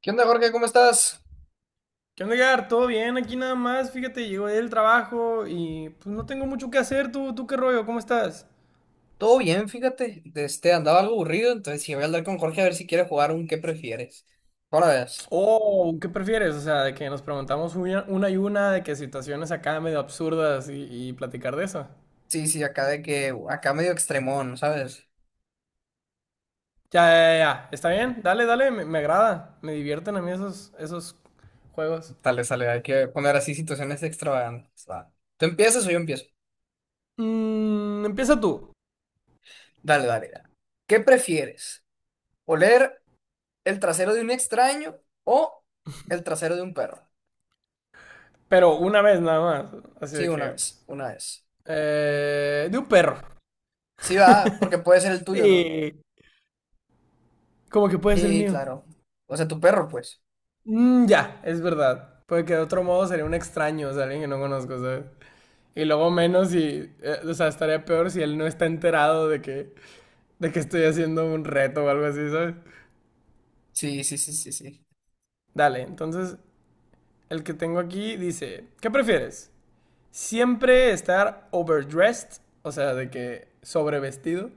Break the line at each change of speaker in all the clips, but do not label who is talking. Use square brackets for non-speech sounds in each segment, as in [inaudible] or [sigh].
¿Qué onda, Jorge? ¿Cómo estás?
¿Qué onda, Edgar? ¿Todo bien? Aquí nada más, fíjate, llegó del trabajo y pues no tengo mucho que hacer. ¿Tú qué rollo? ¿Cómo estás?
Todo bien, fíjate. Andaba algo aburrido, entonces sí voy a hablar con Jorge a ver si quiere jugar un ¿qué prefieres? Ahora ves.
Oh, ¿qué prefieres? O sea, de que nos preguntamos una y una, de que situaciones acá medio absurdas y platicar de eso.
Sí, Acá de que, acá medio extremón, ¿sabes?
Ya, ya, ya, ya. ¿Está bien? Dale, dale, me agrada. Me divierten a mí esos juegos.
Dale, sale, hay que poner así situaciones extravagantes. Va. ¿Tú empiezas o yo empiezo?
Empieza tú,
Dale. ¿Qué prefieres? ¿Oler el trasero de un extraño o el trasero de un perro?
pero una vez nada más. Así
Sí,
de
una
que,
vez,
pues,
una vez.
de un perro.
Sí, va, porque puede ser el tuyo, ¿no?
Sí, como que puede ser el
Sí,
mío.
claro. O sea, tu perro, pues.
Mm, ya, es verdad. Porque de otro modo sería un extraño, o sea, alguien que no conozco, ¿sabes? Y luego menos si, o sea, estaría peor si él no está enterado de que estoy haciendo un reto o algo así, ¿sabes?
Sí.
Dale, entonces el que tengo aquí dice, ¿qué prefieres? ¿Siempre estar overdressed, o sea, de que sobrevestido,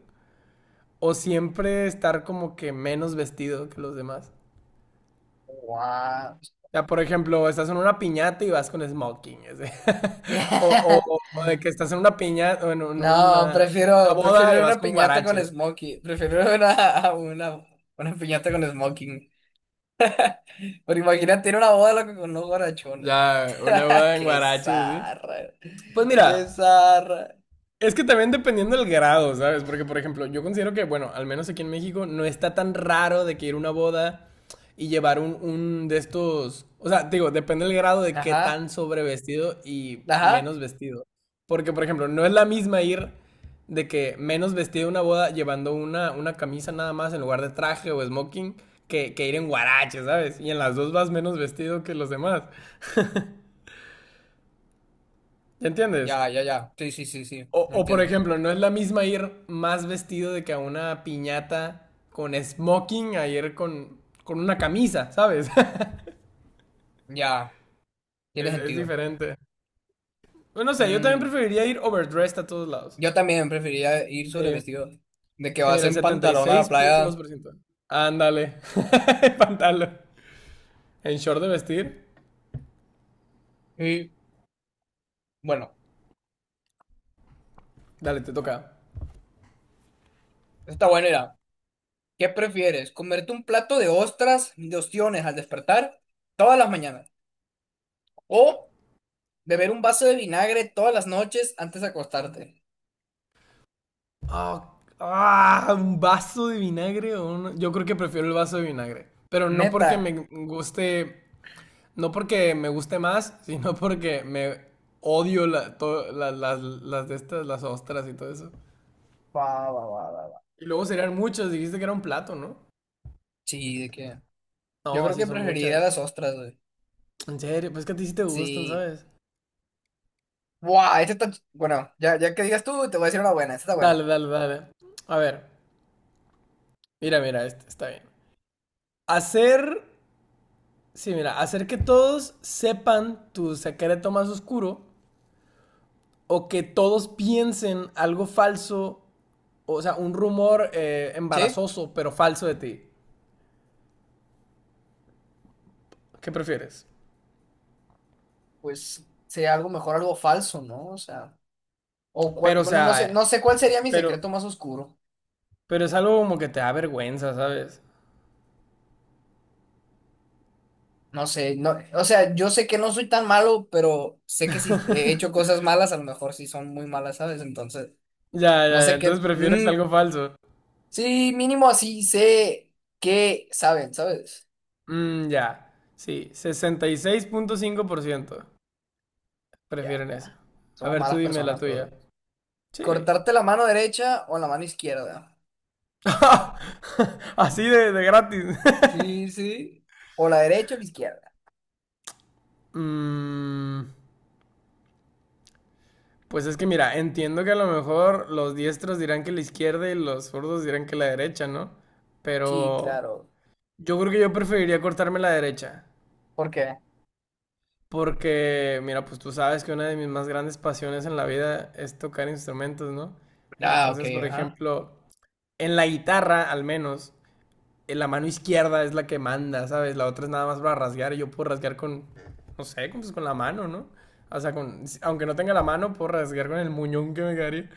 o siempre estar como que menos vestido que los demás?
Guau.
Ya, por ejemplo, estás en una piñata y vas con smoking. Ese. [laughs] O, o-
[laughs]
o de que estás en una piñata, o en un-
No,
una, una
prefiero
boda
ir a
y vas
una
con
piñata con
guaraches.
smoking. Prefiero ir a una piñata con smoking. Pero imagínate ir a una boda loco, con unos guarachones.
Ya, una
[laughs]
boda en
Qué
guaraches, ¿sí?
zarra.
Pues
Qué
mira,
zarra.
es que también dependiendo del grado, ¿sabes? Porque, por ejemplo, yo considero que, bueno, al menos aquí en México no está tan raro de que ir a una boda y llevar un de estos. O sea, digo, depende del grado de qué
Ajá,
tan sobrevestido y
ajá.
menos vestido. Porque, por ejemplo, no es la misma ir de que menos vestido a una boda llevando una camisa nada más en lugar de traje o smoking que ir en guarache, ¿sabes? Y en las dos vas menos vestido que los demás. ¿Ya entiendes?
Ya, ya, ya. Sí.
O,
Lo
o, por
entiendo.
ejemplo, no es la misma ir más vestido de que a una piñata con smoking a ir con una camisa, ¿sabes? [laughs]
Ya, tiene
Es
sentido.
diferente. Bueno, no sé, yo también
Mm,
preferiría ir overdressed a todos lados.
yo también preferiría ir
Sí,
sobre vestido. De que
sí
vas
mira, el
en
setenta y
pantalón a la
seis punto dos
playa.
por ciento. Ándale, [laughs] pantalón. En short de vestir,
Y bueno,
dale, te toca.
está bueno ir. ¿Qué prefieres? ¿Comerte un plato de ostras, de ostiones al despertar todas las mañanas? ¿O beber un vaso de vinagre todas las noches antes de acostarte?
Oh, ah, un vaso de vinagre o un. Yo creo que prefiero el vaso de vinagre.
Neta.
Guste No porque me guste más, sino porque me odio la, to- la- las de estas, las ostras y todo eso.
Va, va.
Y luego serían muchas, dijiste que era un plato, ¿no?
Sí, de que. Yo
No,
creo
sí
que
son
preferiría
muchas.
las ostras, güey.
En serio, pues que a ti sí te gustan,
Sí.
¿sabes?
Buah, esta está. Bueno, ya, ya que digas tú, te voy a decir una buena. Esta está
Dale,
buena.
dale, dale. A ver, mira, mira, este está bien. Hacer, sí, mira, hacer que todos sepan tu secreto más oscuro o que todos piensen algo falso, o sea, un rumor
Sí,
embarazoso pero falso de ti. ¿Qué prefieres?
pues sería algo mejor, algo falso, ¿no? O sea. O cuál.
Pero, o
Bueno, no sé,
sea,
no sé cuál sería mi
pero,
secreto más oscuro.
pero es algo como que te da vergüenza, ¿sabes?
No sé, no, o sea, yo sé que no soy tan malo, pero sé que si he hecho cosas malas, a lo mejor sí son muy malas, ¿sabes? Entonces,
Ya,
no
ya, ya.
sé qué.
Entonces prefieres
Mm,
algo falso.
sí, mínimo así sé que saben, ¿sabes?
Mm, ya. Sí, 66.5%
Ya,
prefieren eso.
ya.
A
Somos
ver, tú
malas
dime la
personas todos.
tuya. Sí.
Cortarte la mano derecha o la mano izquierda.
[laughs] Así de gratis. [laughs]
Sí, sí. O la derecha o la izquierda.
Mm, pues es que mira, entiendo que a lo mejor los diestros dirán que la izquierda y los zurdos dirán que la derecha, ¿no?
Sí,
Pero
claro.
yo creo que yo preferiría cortarme la derecha.
¿Por qué?
Porque, mira, pues tú sabes que una de mis más grandes pasiones en la vida es tocar instrumentos, ¿no?
Ah, ok,
Entonces, por
ajá.
ejemplo, en la guitarra, al menos, en la mano izquierda es la que manda, ¿sabes? La otra es nada más para rasguear y yo puedo rasguear con, no sé, con, pues, con la mano, ¿no? O sea, con, aunque no tenga la mano, puedo rasguear con el muñón que me quedaría.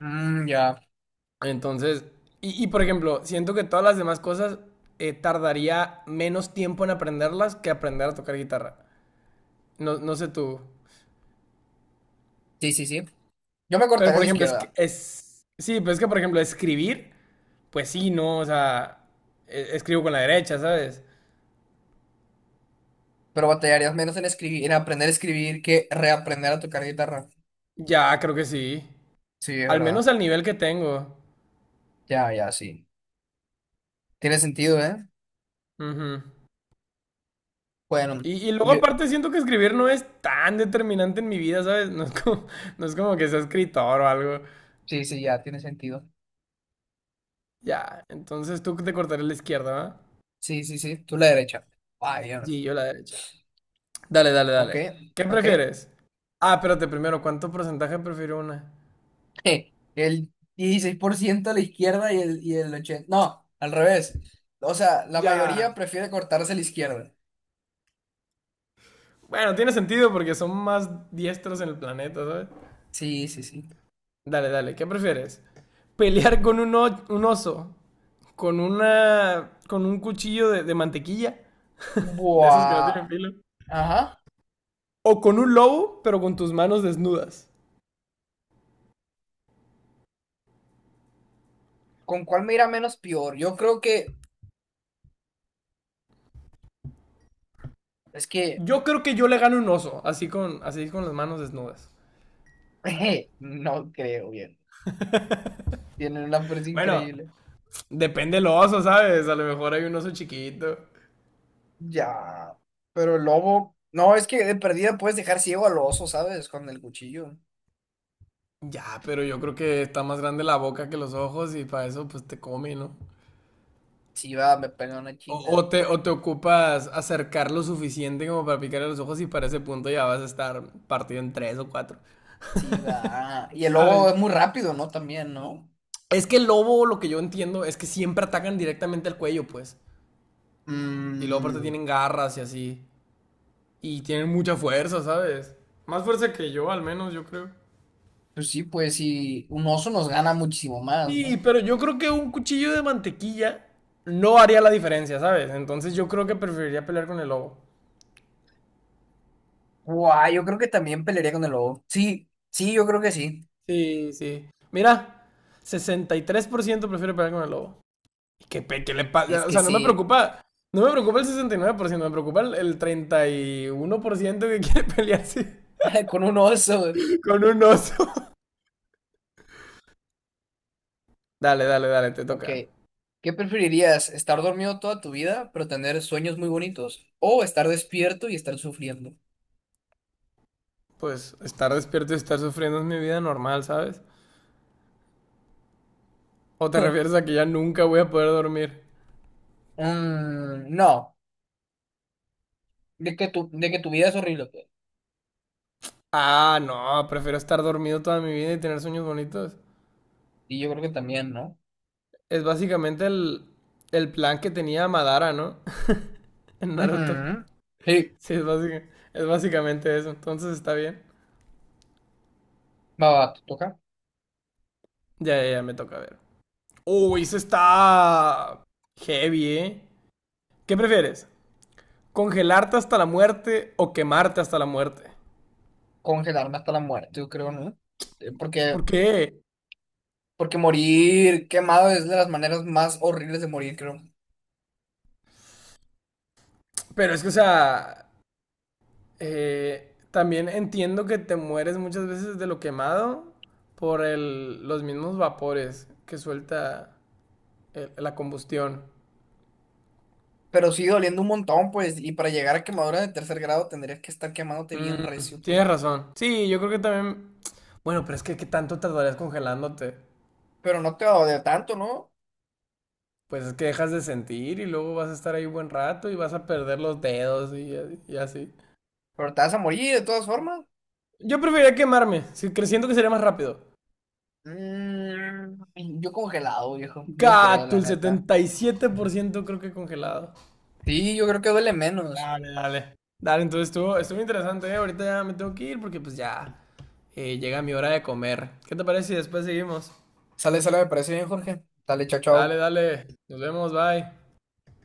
Mm, ya.
Entonces, y, por ejemplo, siento que todas las demás cosas tardaría menos tiempo en aprenderlas que aprender a tocar guitarra. No, no sé tú.
Sí. Yo me
Pero,
cortaría
por
la
ejemplo,
izquierda.
Sí, pero es que, por ejemplo, escribir, pues sí, ¿no? O sea, escribo con la derecha, ¿sabes?
Pero batallarías menos en escribir, en aprender a escribir que reaprender a tocar guitarra.
Ya, creo que sí.
Sí, es
Al menos
verdad.
al nivel que tengo.
Ya, ya, sí. Tiene sentido, ¿eh?
Ujú.
Bueno,
Y luego
yo...
aparte siento que escribir no es tan determinante en mi vida, ¿sabes? [laughs] No es como, [laughs] no es como que sea escritor o algo.
Sí, ya, tiene sentido.
Ya, entonces tú te cortarás la izquierda, ¿va?
Sí. Tú la derecha. Vaya.
Sí, yo la derecha. Dale, dale,
Ok,
dale. ¿Qué
ok.
prefieres? Ah, espérate, primero, ¿cuánto porcentaje prefirió una?
[laughs] El 16% a la izquierda y el 80... No, al revés. O sea, la
Ya,
mayoría prefiere cortarse la izquierda.
bueno, tiene sentido porque son más diestros en el planeta, ¿sabes?
Sí.
Dale, dale, ¿qué prefieres? ¿Pelear con un oso? ¿Con un cuchillo de mantequilla? De esos que no tienen
Buah.
filo.
Ajá.
¿O con un lobo, pero con tus manos desnudas?
¿Con cuál me irá menos peor? Yo creo que... Es que...
Yo creo que yo le gano un oso, así con las manos desnudas.
[laughs] No creo bien. Tienen una fuerza
Bueno,
increíble.
depende del oso, ¿sabes? A lo mejor hay un oso chiquito.
Ya. Pero el lobo. No, es que de perdida puedes dejar ciego al oso, ¿sabes? Con el cuchillo.
Ya, pero yo creo que está más grande la boca que los ojos y para eso pues te come, ¿no?
Sí, va, me pega una
O,
chinga.
o te, o te ocupas acercar lo suficiente como para picarle los ojos y para ese punto ya vas a estar partido en tres o cuatro,
Sí, va. Y el lobo
¿sabes?
es muy rápido, ¿no? También, ¿no?
Es que el lobo, lo que yo entiendo, es que siempre atacan directamente al cuello, pues. Y luego aparte
Mm,
tienen garras y así. Y tienen mucha fuerza, ¿sabes? Más fuerza que yo, al menos, yo creo.
pues sí. Un oso nos gana muchísimo más,
Sí,
¿no?
pero yo creo que un cuchillo de mantequilla no haría la diferencia, ¿sabes? Entonces yo creo que preferiría pelear con el lobo.
Guau, yo creo que también pelearía con el lobo. Sí, sí, yo creo que sí.
Sí, sí. Mira, 63% prefiere pelear con el lobo. ¿Qué le pasa?
Es
O
que
sea, no me
sí.
preocupa. No me preocupa el 69%, me preocupa el 31% que [laughs] quiere pelearse
[laughs] Con un oso.
con un oso. Dale, dale, dale, te
Ok.
toca.
¿Qué preferirías? ¿Estar dormido toda tu vida, pero tener sueños muy bonitos? ¿O estar despierto y estar sufriendo?
Pues estar despierto y estar sufriendo es mi vida normal, ¿sabes? ¿O te
[laughs]
refieres a que ya nunca voy a poder dormir?
Mm, no, de que tu vida es horrible. Pues.
Ah, no, prefiero estar dormido toda mi vida y tener sueños bonitos.
Y yo creo que también, ¿no?
Es básicamente el plan que tenía Madara, ¿no? [laughs] En Naruto.
Ujú. Sí,
Sí, es básicamente eso. Entonces está bien.
va, va, te toca
Ya, ya, ya, me toca ver. Uy, eso está heavy, ¿eh? ¿Qué prefieres? ¿Congelarte hasta la muerte o quemarte hasta la muerte?
congelarme hasta la muerte, yo creo, ¿no? Porque,
¿Por qué?
porque morir quemado es de las maneras más horribles de morir, creo.
Pero es que, o sea, también entiendo que te mueres muchas veces de lo quemado por los mismos vapores que suelta la combustión.
Pero sí doliendo un montón, pues, y para llegar a quemadura de tercer grado tendrías que estar quemándote bien recio, pues.
Tienes razón. Sí, yo creo que también. Bueno, pero es que ¿qué tanto tardarías congelándote?
Pero no te va a doler tanto, ¿no?
Pues es que dejas de sentir y luego vas a estar ahí buen rato y vas a perder los dedos y así.
Pero te vas a morir de todas formas.
Yo preferiría quemarme, creciendo que sería más rápido.
Mm, yo congelado, viejo. Yo creo,
Gato,
la
el
neta.
77% creo que congelado.
Sí, yo creo que duele menos.
Dale, dale. Dale, entonces estuvo interesante, ¿eh? Ahorita ya me tengo que ir porque pues ya llega mi hora de comer. ¿Qué te parece si después seguimos?
Sale, sale, me parece bien, Jorge. Dale, chao,
Dale,
chao.
dale. Nos vemos, bye.